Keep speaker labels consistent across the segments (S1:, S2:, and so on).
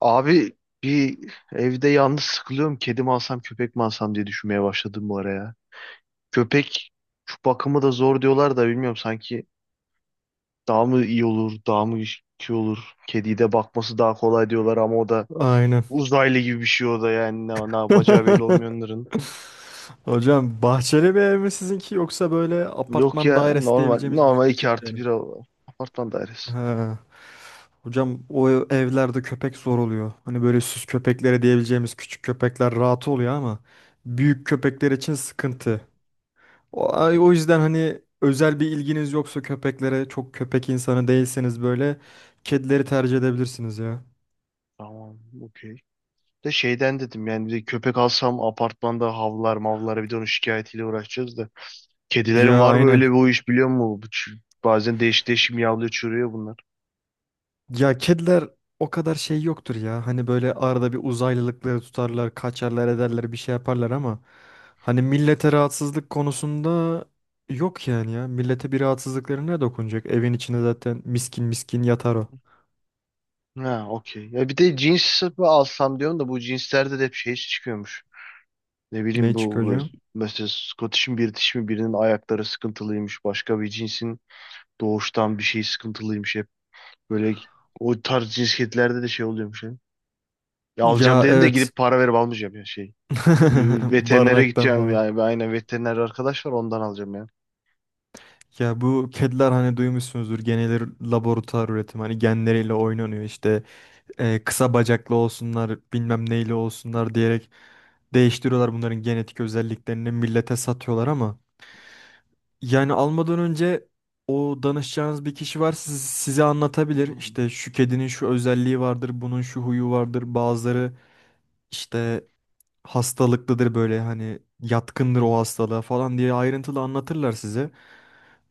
S1: Abi bir evde yalnız sıkılıyorum. Kedi mi alsam köpek mi alsam diye düşünmeye başladım bu ara ya. Köpek şu bakımı da zor diyorlar da bilmiyorum sanki daha mı iyi olur. Kediyi de bakması daha kolay diyorlar ama o da
S2: Aynen.
S1: uzaylı gibi bir şey o da yani ne yapacağı belli olmuyor onların.
S2: Hocam bahçeli bir ev mi sizinki yoksa böyle
S1: Yok
S2: apartman
S1: ya
S2: dairesi
S1: normal
S2: diyebileceğimiz
S1: normal 2
S2: müstakil bir yer
S1: artı
S2: mi?
S1: 1 apartman dairesi.
S2: Ha. Hocam evlerde köpek zor oluyor. Hani böyle süs köpeklere diyebileceğimiz küçük köpekler rahat oluyor ama büyük köpekler için sıkıntı.
S1: Anladım.
S2: O yüzden hani özel bir ilginiz yoksa köpeklere çok köpek insanı değilseniz böyle kedileri tercih edebilirsiniz ya.
S1: Tamam, okey. De şeyden dedim yani bir de köpek alsam apartmanda havlar mavlara bir de onun şikayetiyle uğraşacağız da. Kedilerin
S2: Ya
S1: var mı
S2: aynen.
S1: öyle bir iş biliyor musun? Bazen değişik miyavlıyor çürüyor bunlar.
S2: Ya kediler o kadar şey yoktur ya. Hani böyle arada bir uzaylılıkları tutarlar, kaçarlar ederler bir şey yaparlar ama hani millete rahatsızlık konusunda yok yani ya. Millete bir rahatsızlıkları ne dokunacak? Evin içinde zaten miskin miskin yatar o.
S1: Ha, okey. Ya bir de cins mi alsam diyorum da bu cinslerde de hep şey çıkıyormuş. Ne bileyim
S2: Ne çıkıyor hocam?
S1: mesela Scottish'in bir dişi mi birinin ayakları sıkıntılıymış. Başka bir cinsin doğuştan bir şey sıkıntılıymış. Hep böyle o tarz cins kedilerde de şey oluyormuş. Ya, ya alacağım
S2: Ya
S1: dedim de
S2: evet.
S1: gidip para verip almayacağım ya şey. Veterinere
S2: Barınaktan
S1: gideceğim
S2: falan.
S1: yani. Aynen, veteriner arkadaş var ondan alacağım ya.
S2: Ya bu kediler hani duymuşsunuzdur genel laboratuvar üretimi hani genleriyle oynanıyor işte kısa bacaklı olsunlar, bilmem neyli olsunlar diyerek değiştiriyorlar bunların genetik özelliklerini millete satıyorlar ama yani almadan önce o danışacağınız bir kişi var size anlatabilir.
S1: Hmm.
S2: İşte şu kedinin şu özelliği vardır, bunun şu huyu vardır. Bazıları işte hastalıklıdır böyle hani yatkındır o hastalığa falan diye ayrıntılı anlatırlar size.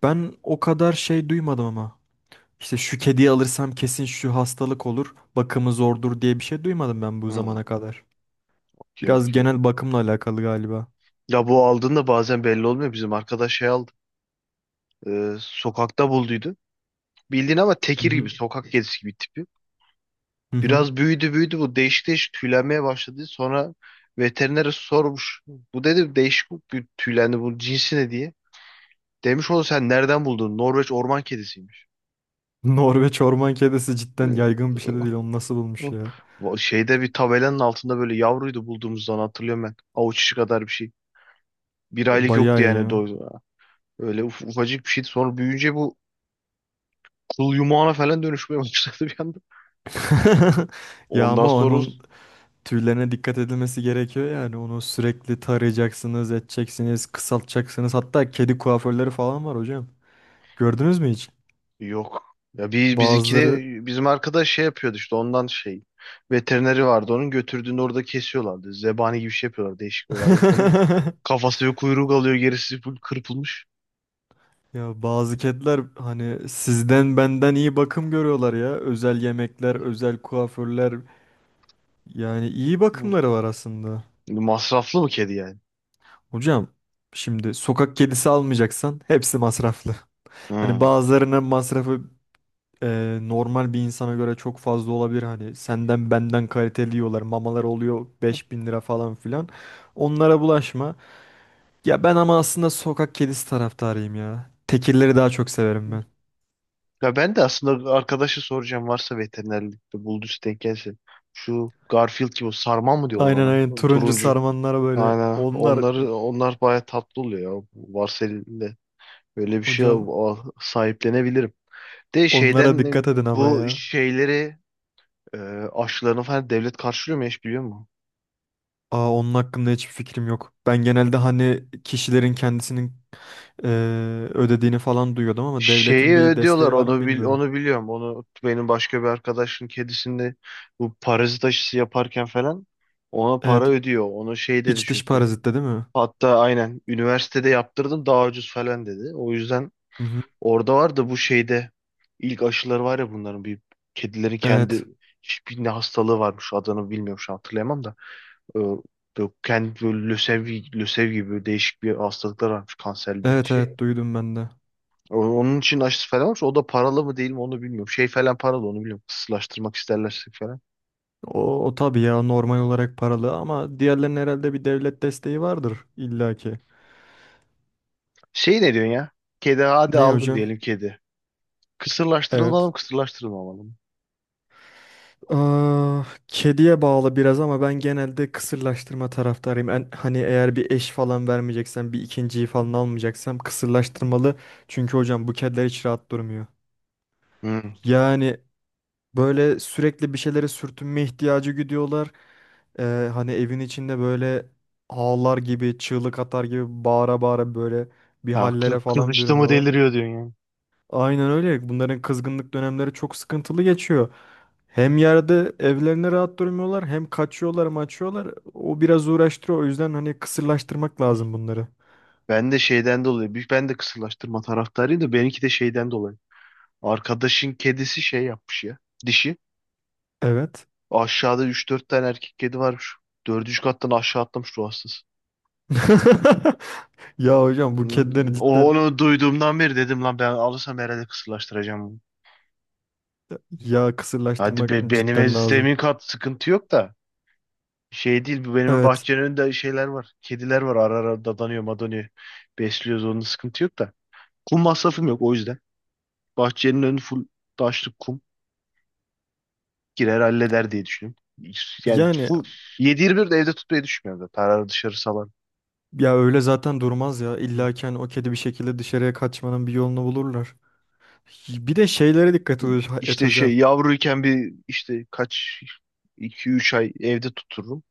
S2: Ben o kadar şey duymadım ama. İşte şu kediyi alırsam kesin şu hastalık olur, bakımı zordur diye bir şey duymadım ben bu
S1: Hmm,
S2: zamana kadar.
S1: okey,
S2: Biraz
S1: okey.
S2: genel bakımla alakalı galiba.
S1: Ya bu aldığında bazen belli olmuyor. Bizim arkadaş şey aldı. Sokakta bulduydu. Bildiğin ama
S2: Hı
S1: tekir gibi
S2: hı.
S1: sokak kedisi gibi tipi.
S2: Hı hı.
S1: Biraz büyüdü bu değişik tüylenmeye başladı. Sonra veterinere sormuş. Bu dedi değişik bir tüylendi bu cinsi ne diye. Demiş oğlum sen nereden buldun? Norveç orman kedisiymiş.
S2: Norveç orman kedisi cidden yaygın bir şey de değil. Onu nasıl bulmuş ya?
S1: Bu şeyde bir tabelanın altında böyle yavruydu bulduğumuzdan hatırlıyorum ben. Avuç içi kadar bir şey. Bir
S2: O
S1: aylık yoktu
S2: bayağı iyi
S1: yani
S2: ya.
S1: doydu. Ufacık bir şeydi. Sonra büyüyünce bu kıl yumağına falan dönüşmeye başladı bir anda.
S2: Ya
S1: Ondan
S2: ama
S1: sonra
S2: onun tüylerine dikkat edilmesi gerekiyor yani. Onu sürekli tarayacaksınız, edeceksiniz, kısaltacaksınız. Hatta kedi kuaförleri falan var hocam. Gördünüz mü hiç?
S1: yok. Ya biz bizikine
S2: Bazıları
S1: bizim arkadaş şey yapıyordu işte ondan şey. Veterineri vardı onun götürdüğünde orada kesiyorlardı. Zebani gibi şey yapıyorlar değişik olay ayrı konuda. Kafası ve kuyruğu kalıyor gerisi full kırpılmış.
S2: Ya bazı kediler hani sizden benden iyi bakım görüyorlar ya. Özel yemekler, özel kuaförler yani iyi
S1: Hı.
S2: bakımları var aslında.
S1: Masraflı mı kedi yani?
S2: Hocam şimdi sokak kedisi almayacaksan hepsi masraflı. Hani
S1: Hı.
S2: bazılarının masrafı normal bir insana göre çok fazla olabilir. Hani senden benden kaliteli yiyorlar. Mamalar oluyor 5000 lira falan filan. Onlara bulaşma. Ya ben ama aslında sokak kedisi taraftarıyım ya. Tekirleri daha çok severim ben.
S1: Ya ben de aslında arkadaşı soracağım varsa veterinerlikte bulduysa denk gelse. Şu Garfield gibi o sarmal mı diyorlar
S2: Aynen aynen
S1: ona?
S2: turuncu
S1: Turuncu.
S2: sarmanlara böyle.
S1: Aynen.
S2: Onlar
S1: Onlar bayağı tatlı oluyor ya. Varsel'de böyle
S2: hocam
S1: sahiplenebilirim. De
S2: onlara
S1: şeyden ne-
S2: dikkat edin ama
S1: Bu
S2: ya.
S1: şeyleri e, aşılarını falan devlet karşılıyor mu hiç biliyor musun?
S2: Aa, onun hakkında hiçbir fikrim yok. Ben genelde hani kişilerin kendisinin Ee, ödediğini falan duyuyordum ama devletin
S1: Şeyi
S2: bir
S1: ödüyorlar
S2: desteği var mı bilmiyorum.
S1: onu biliyorum. Onu benim başka bir arkadaşın kedisinde bu parazit aşısı yaparken falan ona
S2: Evet,
S1: para ödüyor. Onu şey dedi
S2: iç dış
S1: çünkü.
S2: parazitte değil mi?
S1: Hatta aynen üniversitede yaptırdım daha ucuz falan dedi. O yüzden
S2: Hı hı.
S1: orada var da bu şeyde ilk aşıları var ya bunların bir kedilerin
S2: Evet.
S1: kendi hiçbir ne hastalığı varmış adını bilmiyorum şu an hatırlayamam da. Ee, Böyle kendi böyle lösev gibi böyle değişik bir hastalıklar varmış kanser bir
S2: Evet
S1: şey.
S2: evet duydum ben de.
S1: Onun için aşısı falan varmış. O da paralı mı değil mi onu bilmiyorum. Şey falan paralı onu bilmiyorum. Kısırlaştırmak isterlerse falan.
S2: O, o tabii ya normal olarak paralı ama diğerlerinin herhalde bir devlet desteği vardır illaki.
S1: Şey ne diyorsun ya? Kedi hadi
S2: Ne
S1: aldım
S2: hocam?
S1: diyelim kedi. Kısırlaştırılmalı
S2: Evet.
S1: mı kısırlaştırılmamalı mı?
S2: Aa, kediye bağlı biraz ama ben genelde kısırlaştırma taraftarıyım. En, hani eğer bir eş falan vermeyeceksem, bir ikinciyi falan almayacaksam kısırlaştırmalı. Çünkü hocam bu kediler hiç rahat durmuyor.
S1: Hı.
S2: Yani böyle sürekli bir şeylere sürtünme ihtiyacı güdüyorlar. Hani evin içinde böyle ağlar gibi, çığlık atar gibi bağıra bağıra böyle bir
S1: Ha,
S2: hallere falan
S1: kızıştı mı
S2: bürünüyorlar.
S1: deliriyor diyorsun yani.
S2: Aynen öyle. Bunların kızgınlık dönemleri çok sıkıntılı geçiyor. Hem yerde evlerine rahat durmuyorlar, hem kaçıyorlar, maçıyorlar. O biraz uğraştırıyor. O yüzden hani kısırlaştırmak lazım bunları.
S1: Ben de şeyden dolayı. Büyük- Ben de kısırlaştırma taraftarıyım da benimki de şeyden dolayı. Arkadaşın kedisi şey yapmış ya. Dişi.
S2: Evet.
S1: Aşağıda üç dört tane erkek kedi varmış. Dördüncü kattan aşağı atlamış ruh hastası.
S2: Ya hocam bu
S1: Hı.
S2: kedileri
S1: O
S2: cidden
S1: onu duyduğumdan beri dedim lan ben alırsam herhalde kısırlaştıracağım bunu.
S2: ya
S1: Hadi
S2: kısırlaştırmak
S1: be,
S2: cidden lazım.
S1: zemin kat sıkıntı yok da. Şey değil bu benim
S2: Evet.
S1: bahçenin önünde şeyler var. Kediler var ara ara dadanıyor madanıyor. Besliyoruz onun sıkıntı yok da. Kum masrafım yok o yüzden. Bahçenin önü full taşlık kum. Girer halleder diye düşünüyorum. Yani
S2: Yani
S1: bu 7-24 de evde tutmayı düşünmüyorum da. Tararı dışarı salan.
S2: ya öyle zaten durmaz ya. İlla ki hani o kedi bir şekilde dışarıya kaçmanın bir yolunu bulurlar. Bir de şeylere et
S1: İşte
S2: hocam.
S1: şey yavruyken bir işte kaç iki üç ay evde tuturum.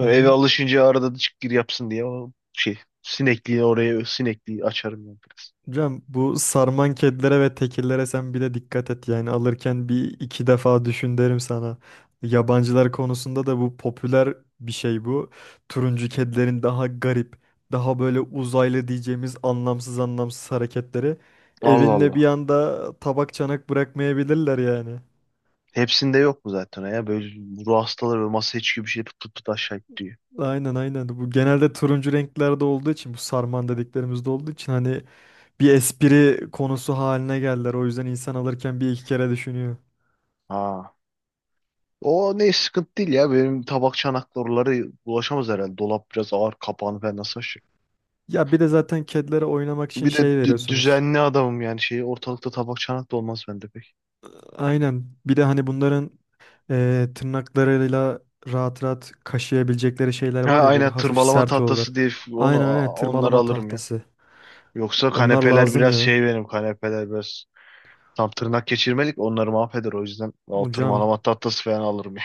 S2: Hı
S1: eve
S2: hı.
S1: alışınca arada da çık gir yapsın diye o şey sinekliği oraya sinekliği açarım yani biraz.
S2: Hocam bu sarman kedilere ve tekirlere sen bir de dikkat et yani alırken bir iki defa düşün derim sana. Yabancılar konusunda da bu popüler bir şey bu. Turuncu kedilerin daha garip, daha böyle uzaylı diyeceğimiz anlamsız anlamsız hareketleri.
S1: Allah
S2: Evinde bir
S1: Allah.
S2: anda tabak çanak bırakmayabilirler yani.
S1: Hepsinde yok mu zaten ya? Böyle ruh hastaları böyle masaya çıkıyor bir şey pıt pıt pıt aşağı gidiyor.
S2: Aynen aynen. Bu genelde turuncu renklerde olduğu için bu sarman dediklerimizde olduğu için hani bir espri konusu haline geldiler. O yüzden insan alırken bir iki kere düşünüyor.
S1: Ha. O ne sıkıntı değil ya. Benim tabak çanaklar ulaşamaz herhalde. Dolap biraz ağır kapağını ben nasıl.
S2: Ya bir de zaten kedilere oynamak için
S1: Bir de
S2: şey veriyorsunuz.
S1: düzenli adamım yani şey ortalıkta tabak çanak da olmaz bende pek.
S2: Aynen. Bir de hani bunların tırnaklarıyla rahat rahat kaşıyabilecekleri şeyler
S1: Ha
S2: var ya böyle
S1: aynen,
S2: hafif
S1: tırmalama
S2: sert olur.
S1: tahtası diye f- onu
S2: Aynen aynen
S1: a- onları
S2: tırmalama
S1: alırım ya.
S2: tahtası.
S1: Yoksa
S2: Onlar
S1: kanepeler
S2: lazım
S1: biraz
S2: ya.
S1: şey benim kanepeler biraz tam tırnak geçirmelik onları mahveder o yüzden o
S2: Hocam
S1: tırmalama tahtası falan alırım ya.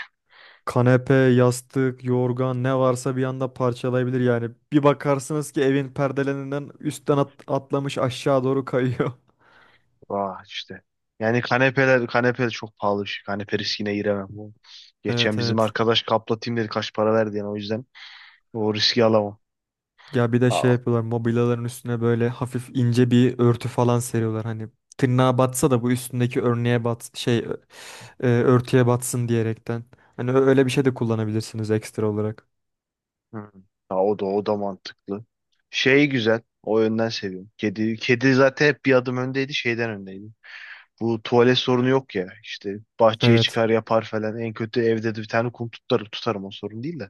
S2: kanepe, yastık, yorgan ne varsa bir anda parçalayabilir yani. Bir bakarsınız ki evin perdelerinden üstten atlamış aşağı doğru kayıyor.
S1: Vah işte. Yani kanepe çok pahalı bir şey. Kanepe riskine giremem. Geçen
S2: Evet
S1: bizim
S2: evet.
S1: arkadaş kaplatayım dedi kaç para verdi yani o yüzden o riski alamam.
S2: Ya bir de şey yapıyorlar mobilyaların üstüne böyle hafif ince bir örtü falan seriyorlar. Hani tırnağa batsa da bu üstündeki örneğe örtüye batsın diyerekten. Hani öyle bir şey de kullanabilirsiniz ekstra olarak.
S1: Hı. Ha, o da mantıklı. Şey güzel. O yönden seviyorum. Kedi zaten hep bir adım öndeydi, şeyden öndeydi. Bu tuvalet sorunu yok ya. İşte bahçeye
S2: Evet.
S1: çıkar yapar falan. En kötü evde de bir tane kum tutarım, tutarım o sorun değil de.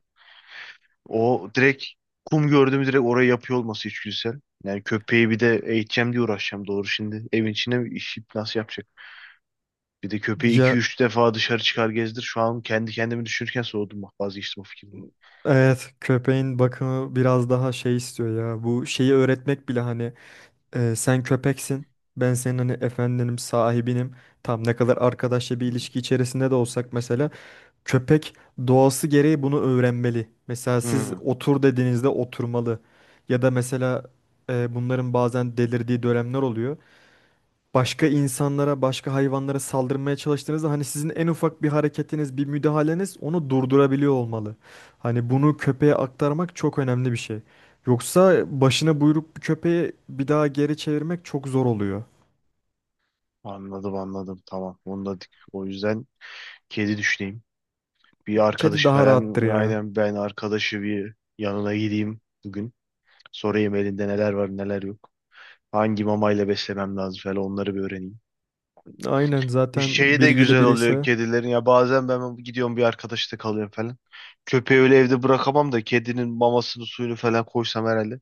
S1: O direkt kum gördüğümü direkt oraya yapıyor olması içgüdüsel. Yani köpeği bir de eğiteceğim diye uğraşacağım doğru şimdi. Evin içine mi işi nasıl yapacak? Bir de köpeği iki
S2: Ya
S1: üç defa dışarı çıkar gezdir. Şu an kendi kendimi düşünürken soğudum bak vazgeçtim o fikirden.
S2: evet köpeğin bakımı biraz daha şey istiyor ya. Bu şeyi öğretmek bile hani sen köpeksin. Ben senin hani efendinim, sahibinim. Tam ne kadar arkadaşça bir ilişki içerisinde de olsak mesela köpek doğası gereği bunu öğrenmeli. Mesela siz
S1: Hı.
S2: otur dediğinizde oturmalı. Ya da mesela bunların bazen delirdiği dönemler oluyor başka insanlara, başka hayvanlara saldırmaya çalıştığınızda hani sizin en ufak bir hareketiniz, bir müdahaleniz onu durdurabiliyor olmalı. Hani bunu köpeğe aktarmak çok önemli bir şey. Yoksa başına buyruk bir köpeği bir daha geri çevirmek çok zor oluyor.
S1: Anladım tamam. O yüzden kedi düşüneyim. Bir
S2: Kedi
S1: arkadaşı
S2: daha rahattır
S1: falan
S2: ya.
S1: aynen ben arkadaşı bir yanına gideyim bugün. Sorayım elinde neler var neler yok. Hangi mamayla beslemem lazım falan onları bir öğreneyim.
S2: Aynen
S1: Bir
S2: zaten
S1: şey de
S2: bilgili
S1: güzel oluyor
S2: biriyse.
S1: kedilerin ya bazen ben gidiyorum bir arkadaşta kalıyorum falan. Köpeği öyle evde bırakamam da kedinin mamasını suyunu falan koysam herhalde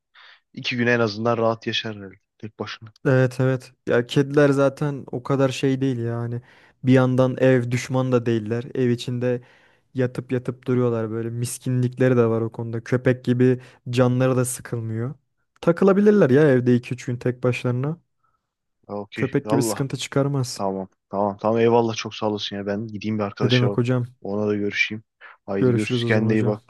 S1: iki gün en azından rahat yaşar herhalde tek başına.
S2: Evet evet. Ya kediler zaten o kadar şey değil yani. Bir yandan ev düşman da değiller. Ev içinde yatıp yatıp duruyorlar böyle. Miskinlikleri de var o konuda. Köpek gibi canları da sıkılmıyor. Takılabilirler ya evde 2-3 gün tek başlarına.
S1: Ha, okey.
S2: Köpek gibi
S1: Allah.
S2: sıkıntı çıkarmaz.
S1: Tamam. Tamam. Tamam eyvallah çok sağ olasın ya. Ben gideyim bir
S2: Ne
S1: arkadaşa
S2: demek hocam?
S1: ona da görüşeyim. Haydi görüşürüz.
S2: Görüşürüz o zaman
S1: Kendine iyi
S2: hocam.
S1: bak.